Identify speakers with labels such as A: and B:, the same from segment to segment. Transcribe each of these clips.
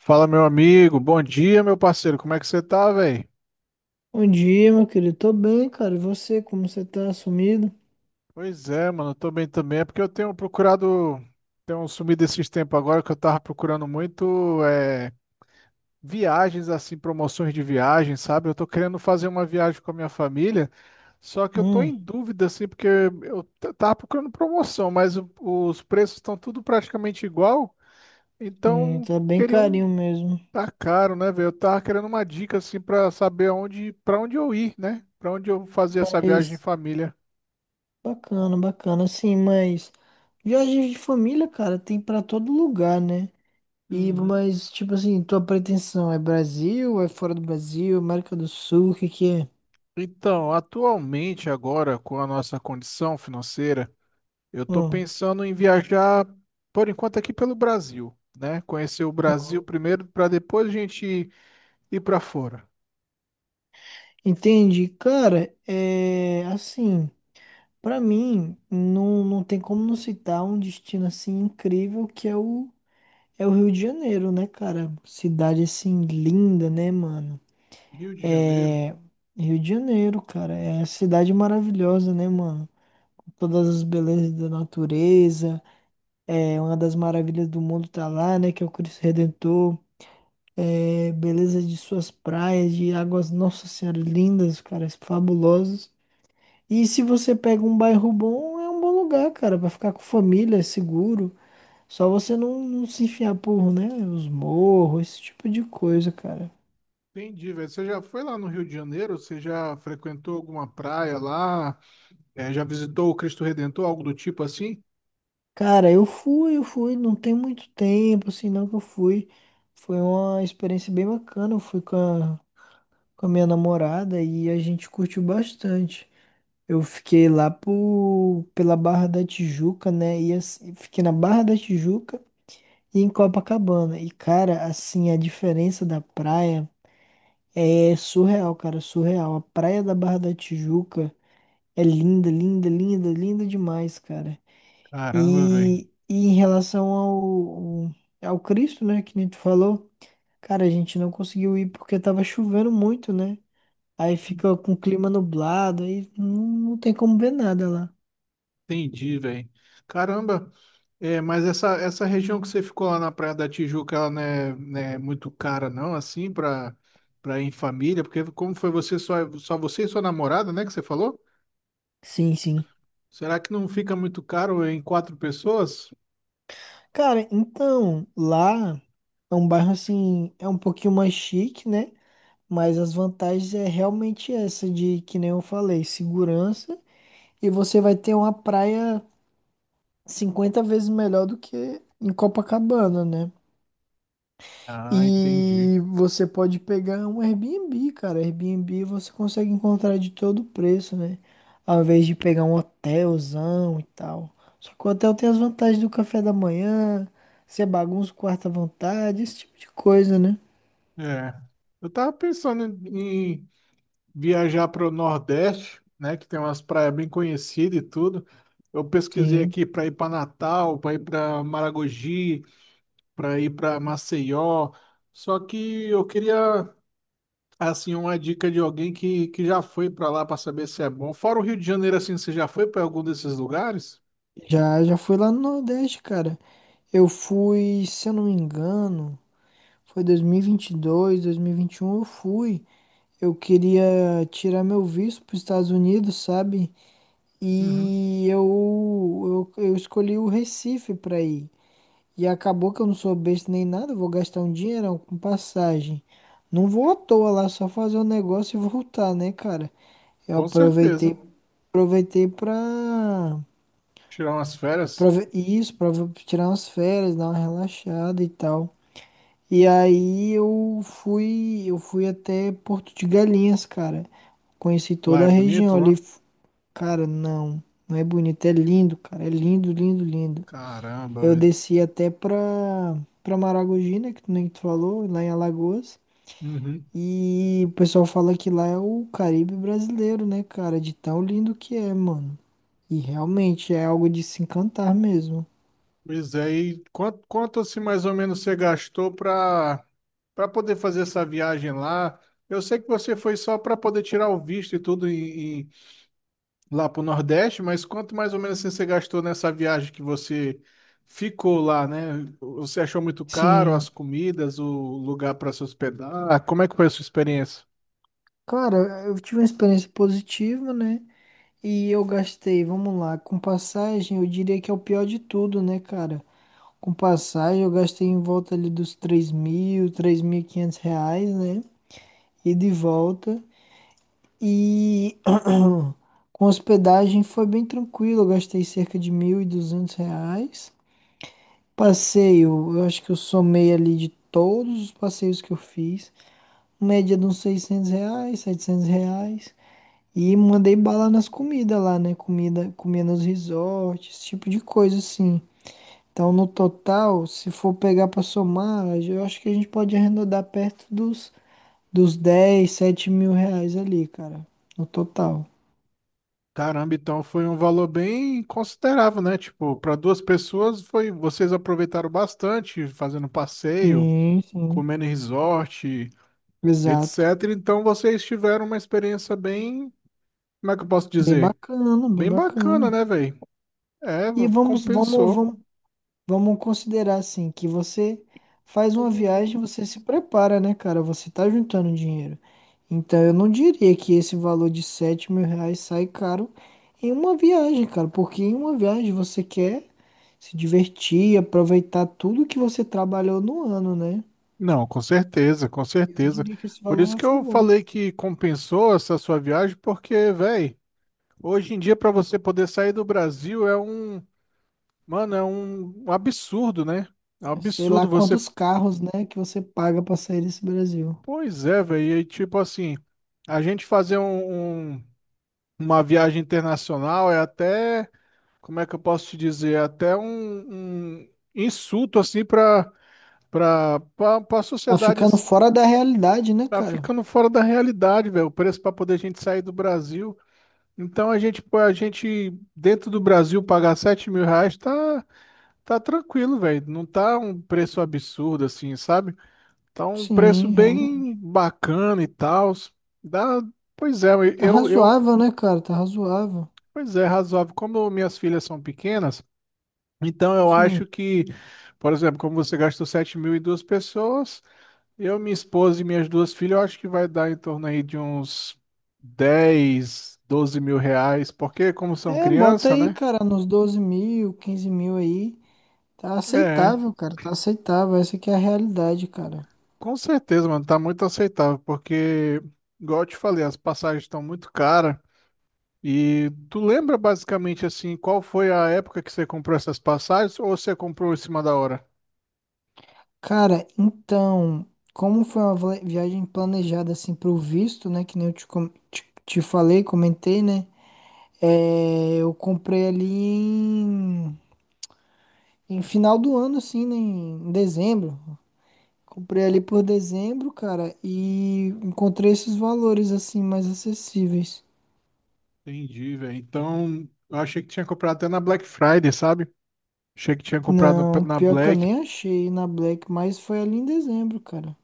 A: Fala, meu amigo. Bom dia, meu parceiro. Como é que você tá, velho?
B: Bom dia, meu querido. Tô bem, cara. E você, como você tá sumido?
A: Pois é, mano. Eu tô bem também. É porque eu tenho procurado. Tenho sumido esses tempos agora que eu tava procurando muito viagens, assim, promoções de viagem, sabe? Eu tô querendo fazer uma viagem com a minha família. Só que eu tô
B: Hum,
A: em dúvida, assim, porque eu tava procurando promoção, mas os preços estão tudo praticamente igual.
B: sim,
A: Então,
B: tá bem
A: queria um.
B: carinho mesmo.
A: Tá caro, né, velho? Eu tava querendo uma dica assim pra saber aonde, para onde eu ir, né? Pra onde eu fazer essa viagem em
B: Mas
A: família.
B: bacana, bacana, sim, mas viagens de família, cara, tem pra todo lugar, né? E
A: Uhum.
B: mas tipo assim, tua pretensão é Brasil, é fora do Brasil, América do Sul, o que que é?
A: Então, atualmente agora com a nossa condição financeira, eu tô
B: Hum.
A: pensando em viajar por enquanto aqui pelo Brasil, né? Conhecer o
B: Hum.
A: Brasil primeiro pra depois a gente ir pra fora.
B: Entendi, cara, é assim, pra mim não, não tem como não citar um destino assim incrível que é o Rio de Janeiro, né, cara? Cidade assim linda, né, mano?
A: Rio de Janeiro.
B: É, Rio de Janeiro, cara. É a cidade maravilhosa, né, mano? Com todas as belezas da natureza. É uma das maravilhas do mundo tá lá, né? Que é o Cristo Redentor. É beleza de suas praias, de águas, nossa senhora, lindas, cara, fabulosas. E se você pega um bairro bom, é um bom lugar, cara, pra ficar com família, é seguro. Só você não, não se enfiar por, né? Os morros, esse tipo de coisa, cara.
A: Entendi, velho. Você já foi lá no Rio de Janeiro? Você já frequentou alguma praia lá? Já visitou o Cristo Redentor, algo do tipo assim?
B: Cara, eu fui, não tem muito tempo, assim, não que eu fui. Foi uma experiência bem bacana. Eu fui com a minha namorada e a gente curtiu bastante. Eu fiquei lá pela Barra da Tijuca, né? E assim, fiquei na Barra da Tijuca e em Copacabana. E, cara, assim, a diferença da praia é surreal, cara, surreal. A praia da Barra da Tijuca é linda, linda, linda, linda demais, cara.
A: Caramba, velho.
B: E em relação ao Cristo, né, que nem tu falou, cara, a gente não conseguiu ir porque tava chovendo muito, né? Aí fica com o clima nublado, aí não, não tem como ver nada lá.
A: Entendi, velho. Caramba. É, mas essa região que você ficou lá na Praia da Tijuca, ela não é muito cara, não, assim, pra, pra ir em família? Porque como foi você só você e sua namorada, né, que você falou?
B: Sim, sim.
A: Será que não fica muito caro em quatro pessoas?
B: Cara, então, lá é um bairro assim, é um pouquinho mais chique, né? Mas as vantagens é realmente essa de, que nem eu falei, segurança. E você vai ter uma praia 50 vezes melhor do que em Copacabana, né?
A: Ah, entendi.
B: E você pode pegar um Airbnb, cara. Airbnb você consegue encontrar de todo preço, né? Ao invés de pegar um hotelzão e tal. Só que o hotel tem as vantagens do café da manhã, você bagunça o quarto à vontade, esse tipo de coisa, né?
A: É. Eu tava pensando em viajar para o Nordeste, né, que tem umas praias bem conhecidas e tudo. Eu pesquisei
B: Sim.
A: aqui para ir para Natal, para ir para Maragogi, para ir para Maceió. Só que eu queria assim uma dica de alguém que já foi para lá para saber se é bom. Fora o Rio de Janeiro, assim, você já foi para algum desses lugares?
B: Já fui lá no Nordeste, cara. Eu fui, se eu não me engano, foi 2022, 2021, eu fui. Eu queria tirar meu visto para os Estados Unidos, sabe?
A: Uhum.
B: E eu escolhi o Recife para ir. E acabou que eu não sou besta nem nada, eu vou gastar um dinheirão com passagem. Não vou à toa lá, só fazer um negócio e voltar, né, cara? Eu
A: Com certeza.
B: aproveitei, aproveitei pra,
A: Tirar umas férias.
B: isso, pra tirar umas férias, dar uma relaxada e tal. E aí eu fui até Porto de Galinhas, cara. Conheci
A: Lá
B: toda
A: é
B: a região
A: bonito,
B: ali.
A: lá.
B: Cara, não, não é bonito, é lindo, cara. É lindo, lindo, lindo.
A: Caramba,
B: Eu
A: velho.
B: desci até pra Maragogi, né, que tu nem tu falou, lá em Alagoas.
A: Uhum.
B: E o pessoal fala que lá é o Caribe brasileiro, né, cara? De tão lindo que é, mano. E realmente é algo de se encantar mesmo.
A: Pois é, e quanto assim mais ou menos você gastou para para poder fazer essa viagem lá? Eu sei que você foi só para poder tirar o visto e tudo em, lá para o Nordeste, mas quanto mais ou menos assim, você gastou nessa viagem que você ficou lá, né? Você achou muito caro as
B: Sim.
A: comidas, o lugar para se hospedar? Como é que foi a sua experiência?
B: Cara, eu tive uma experiência positiva, né? E eu gastei, vamos lá, com passagem, eu diria que é o pior de tudo, né, cara? Com passagem, eu gastei em volta ali dos 3.000, R$ 3.500, né? E de volta. E com hospedagem foi bem tranquilo, eu gastei cerca de R$ 1.200. Passeio, eu acho que eu somei ali de todos os passeios que eu fiz, média de uns R$ 600, R$ 700. E mandei bala nas comidas lá, né? Comida, comia nos resorts, esse tipo de coisa assim. Então, no total, se for pegar pra somar, eu acho que a gente pode arredondar perto dos 10, R$ 7.000 ali, cara. No total.
A: Caramba, então foi um valor bem considerável, né? Tipo, para duas pessoas foi, vocês aproveitaram bastante fazendo passeio,
B: Sim, sim.
A: comendo em resort,
B: Exato.
A: etc. Então vocês tiveram uma experiência bem, como é que eu posso
B: Bem
A: dizer?
B: bacana, bem
A: Bem bacana,
B: bacana.
A: né, velho? É,
B: E vamos, vamos,
A: compensou.
B: vamos. Vamos considerar assim que você faz uma viagem, você se prepara, né, cara? Você tá juntando dinheiro. Então eu não diria que esse valor de R$ 7.000 sai caro em uma viagem, cara. Porque em uma viagem você quer se divertir, aproveitar tudo que você trabalhou no ano, né?
A: Não, com certeza, com
B: Eu
A: certeza.
B: diria que esse
A: Por isso
B: valor
A: que
B: foi
A: eu
B: bom.
A: falei que compensou essa sua viagem, porque, velho, hoje em dia para você poder sair do Brasil é um, mano, é um absurdo, né? É um
B: Sei lá
A: absurdo você.
B: quantos carros, né, que você paga pra sair desse Brasil.
A: Pois é, velho. E tipo assim, a gente fazer uma viagem internacional é até como é que eu posso te dizer? Até um insulto assim para a
B: Tá
A: sociedade
B: ficando
A: assim,
B: fora da realidade, né,
A: tá
B: cara?
A: ficando fora da realidade, velho. O preço para poder a gente sair do Brasil. Então a gente pô, a gente dentro do Brasil pagar 7 mil reais tá tranquilo, velho. Não tá um preço absurdo assim, sabe? Tá um preço
B: Sim,
A: bem
B: realmente.
A: bacana e tal. Dá, pois é,
B: Tá
A: eu
B: razoável, né, cara? Tá razoável.
A: pois é, razoável. Como minhas filhas são pequenas. Então eu
B: Sim.
A: acho que, por exemplo, como você gastou 7 mil e duas pessoas, eu, minha esposa e minhas duas filhas, eu acho que vai dar em torno aí de uns 10, 12 mil reais, porque como são
B: É, bota
A: criança,
B: aí,
A: né?
B: cara, nos 12.000, 15.000 aí. Tá
A: É,
B: aceitável, cara. Tá aceitável. Essa aqui é a realidade, cara.
A: com certeza, mano, tá muito aceitável, porque, igual eu te falei, as passagens estão muito caras. E tu lembra basicamente assim, qual foi a época que você comprou essas passagens ou você comprou em cima da hora?
B: Cara, então, como foi uma viagem planejada assim pro visto, né? Que nem eu te falei, comentei, né? É, eu comprei ali em final do ano, assim, né? Em dezembro. Comprei ali por dezembro, cara, e encontrei esses valores assim mais acessíveis.
A: Entendi, velho. Então, eu achei que tinha comprado até na Black Friday, sabe? Achei que tinha comprado
B: Não,
A: na
B: pior que eu
A: Black.
B: nem achei na Black, mas foi ali em dezembro, cara.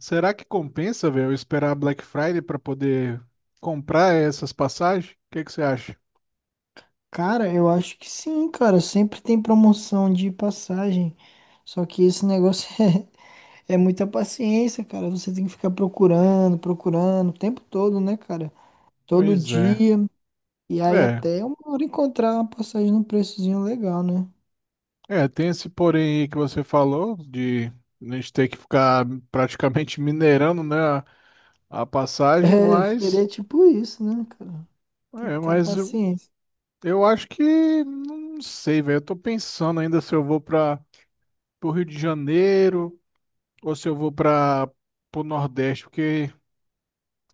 A: Será que compensa, velho, eu esperar a Black Friday pra poder comprar essas passagens? O que que você acha?
B: Cara, eu acho que sim, cara. Sempre tem promoção de passagem. Só que esse negócio é muita paciência, cara. Você tem que ficar procurando, procurando o tempo todo, né, cara? Todo
A: Pois é.
B: dia. E aí
A: É,
B: até uma hora encontrar uma passagem num preçozinho legal, né?
A: é, tem esse porém aí que você falou de a gente ter que ficar praticamente minerando, né, a passagem,
B: É,
A: mas
B: seria tipo isso, né, cara? Tem
A: é,
B: que ter a
A: mas
B: paciência.
A: eu acho que não sei, velho. Eu tô pensando ainda se eu vou para o Rio de Janeiro ou se eu vou para o Nordeste, porque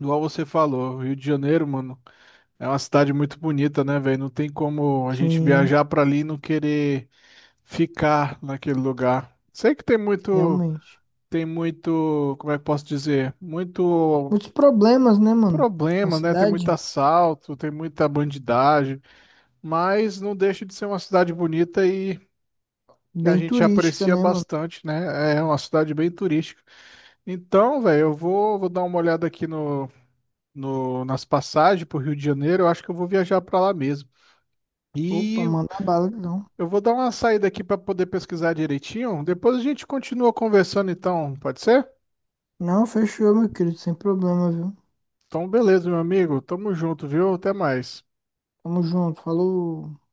A: igual você falou, Rio de Janeiro, mano. É uma cidade muito bonita, né, velho? Não tem como a gente
B: Sim,
A: viajar pra ali e não querer ficar naquele lugar. Sei que tem muito,
B: realmente.
A: tem muito, como é que eu posso dizer? Muito
B: Muitos problemas, né, mano? Na
A: problema, né? Tem muito
B: cidade.
A: assalto, tem muita bandidagem, mas não deixa de ser uma cidade bonita e a
B: Bem
A: gente
B: turística,
A: aprecia
B: né, mano?
A: bastante, né? É uma cidade bem turística. Então, velho, eu vou dar uma olhada aqui no, no, nas passagens pro Rio de Janeiro. Eu acho que eu vou viajar pra lá mesmo.
B: Opa,
A: E
B: manda bala, então.
A: eu vou dar uma saída aqui para poder pesquisar direitinho. Depois a gente continua conversando, então, pode ser?
B: Não, fechou, meu querido, sem problema, viu?
A: Então, beleza, meu amigo. Tamo junto, viu? Até mais.
B: Tamo junto, falou.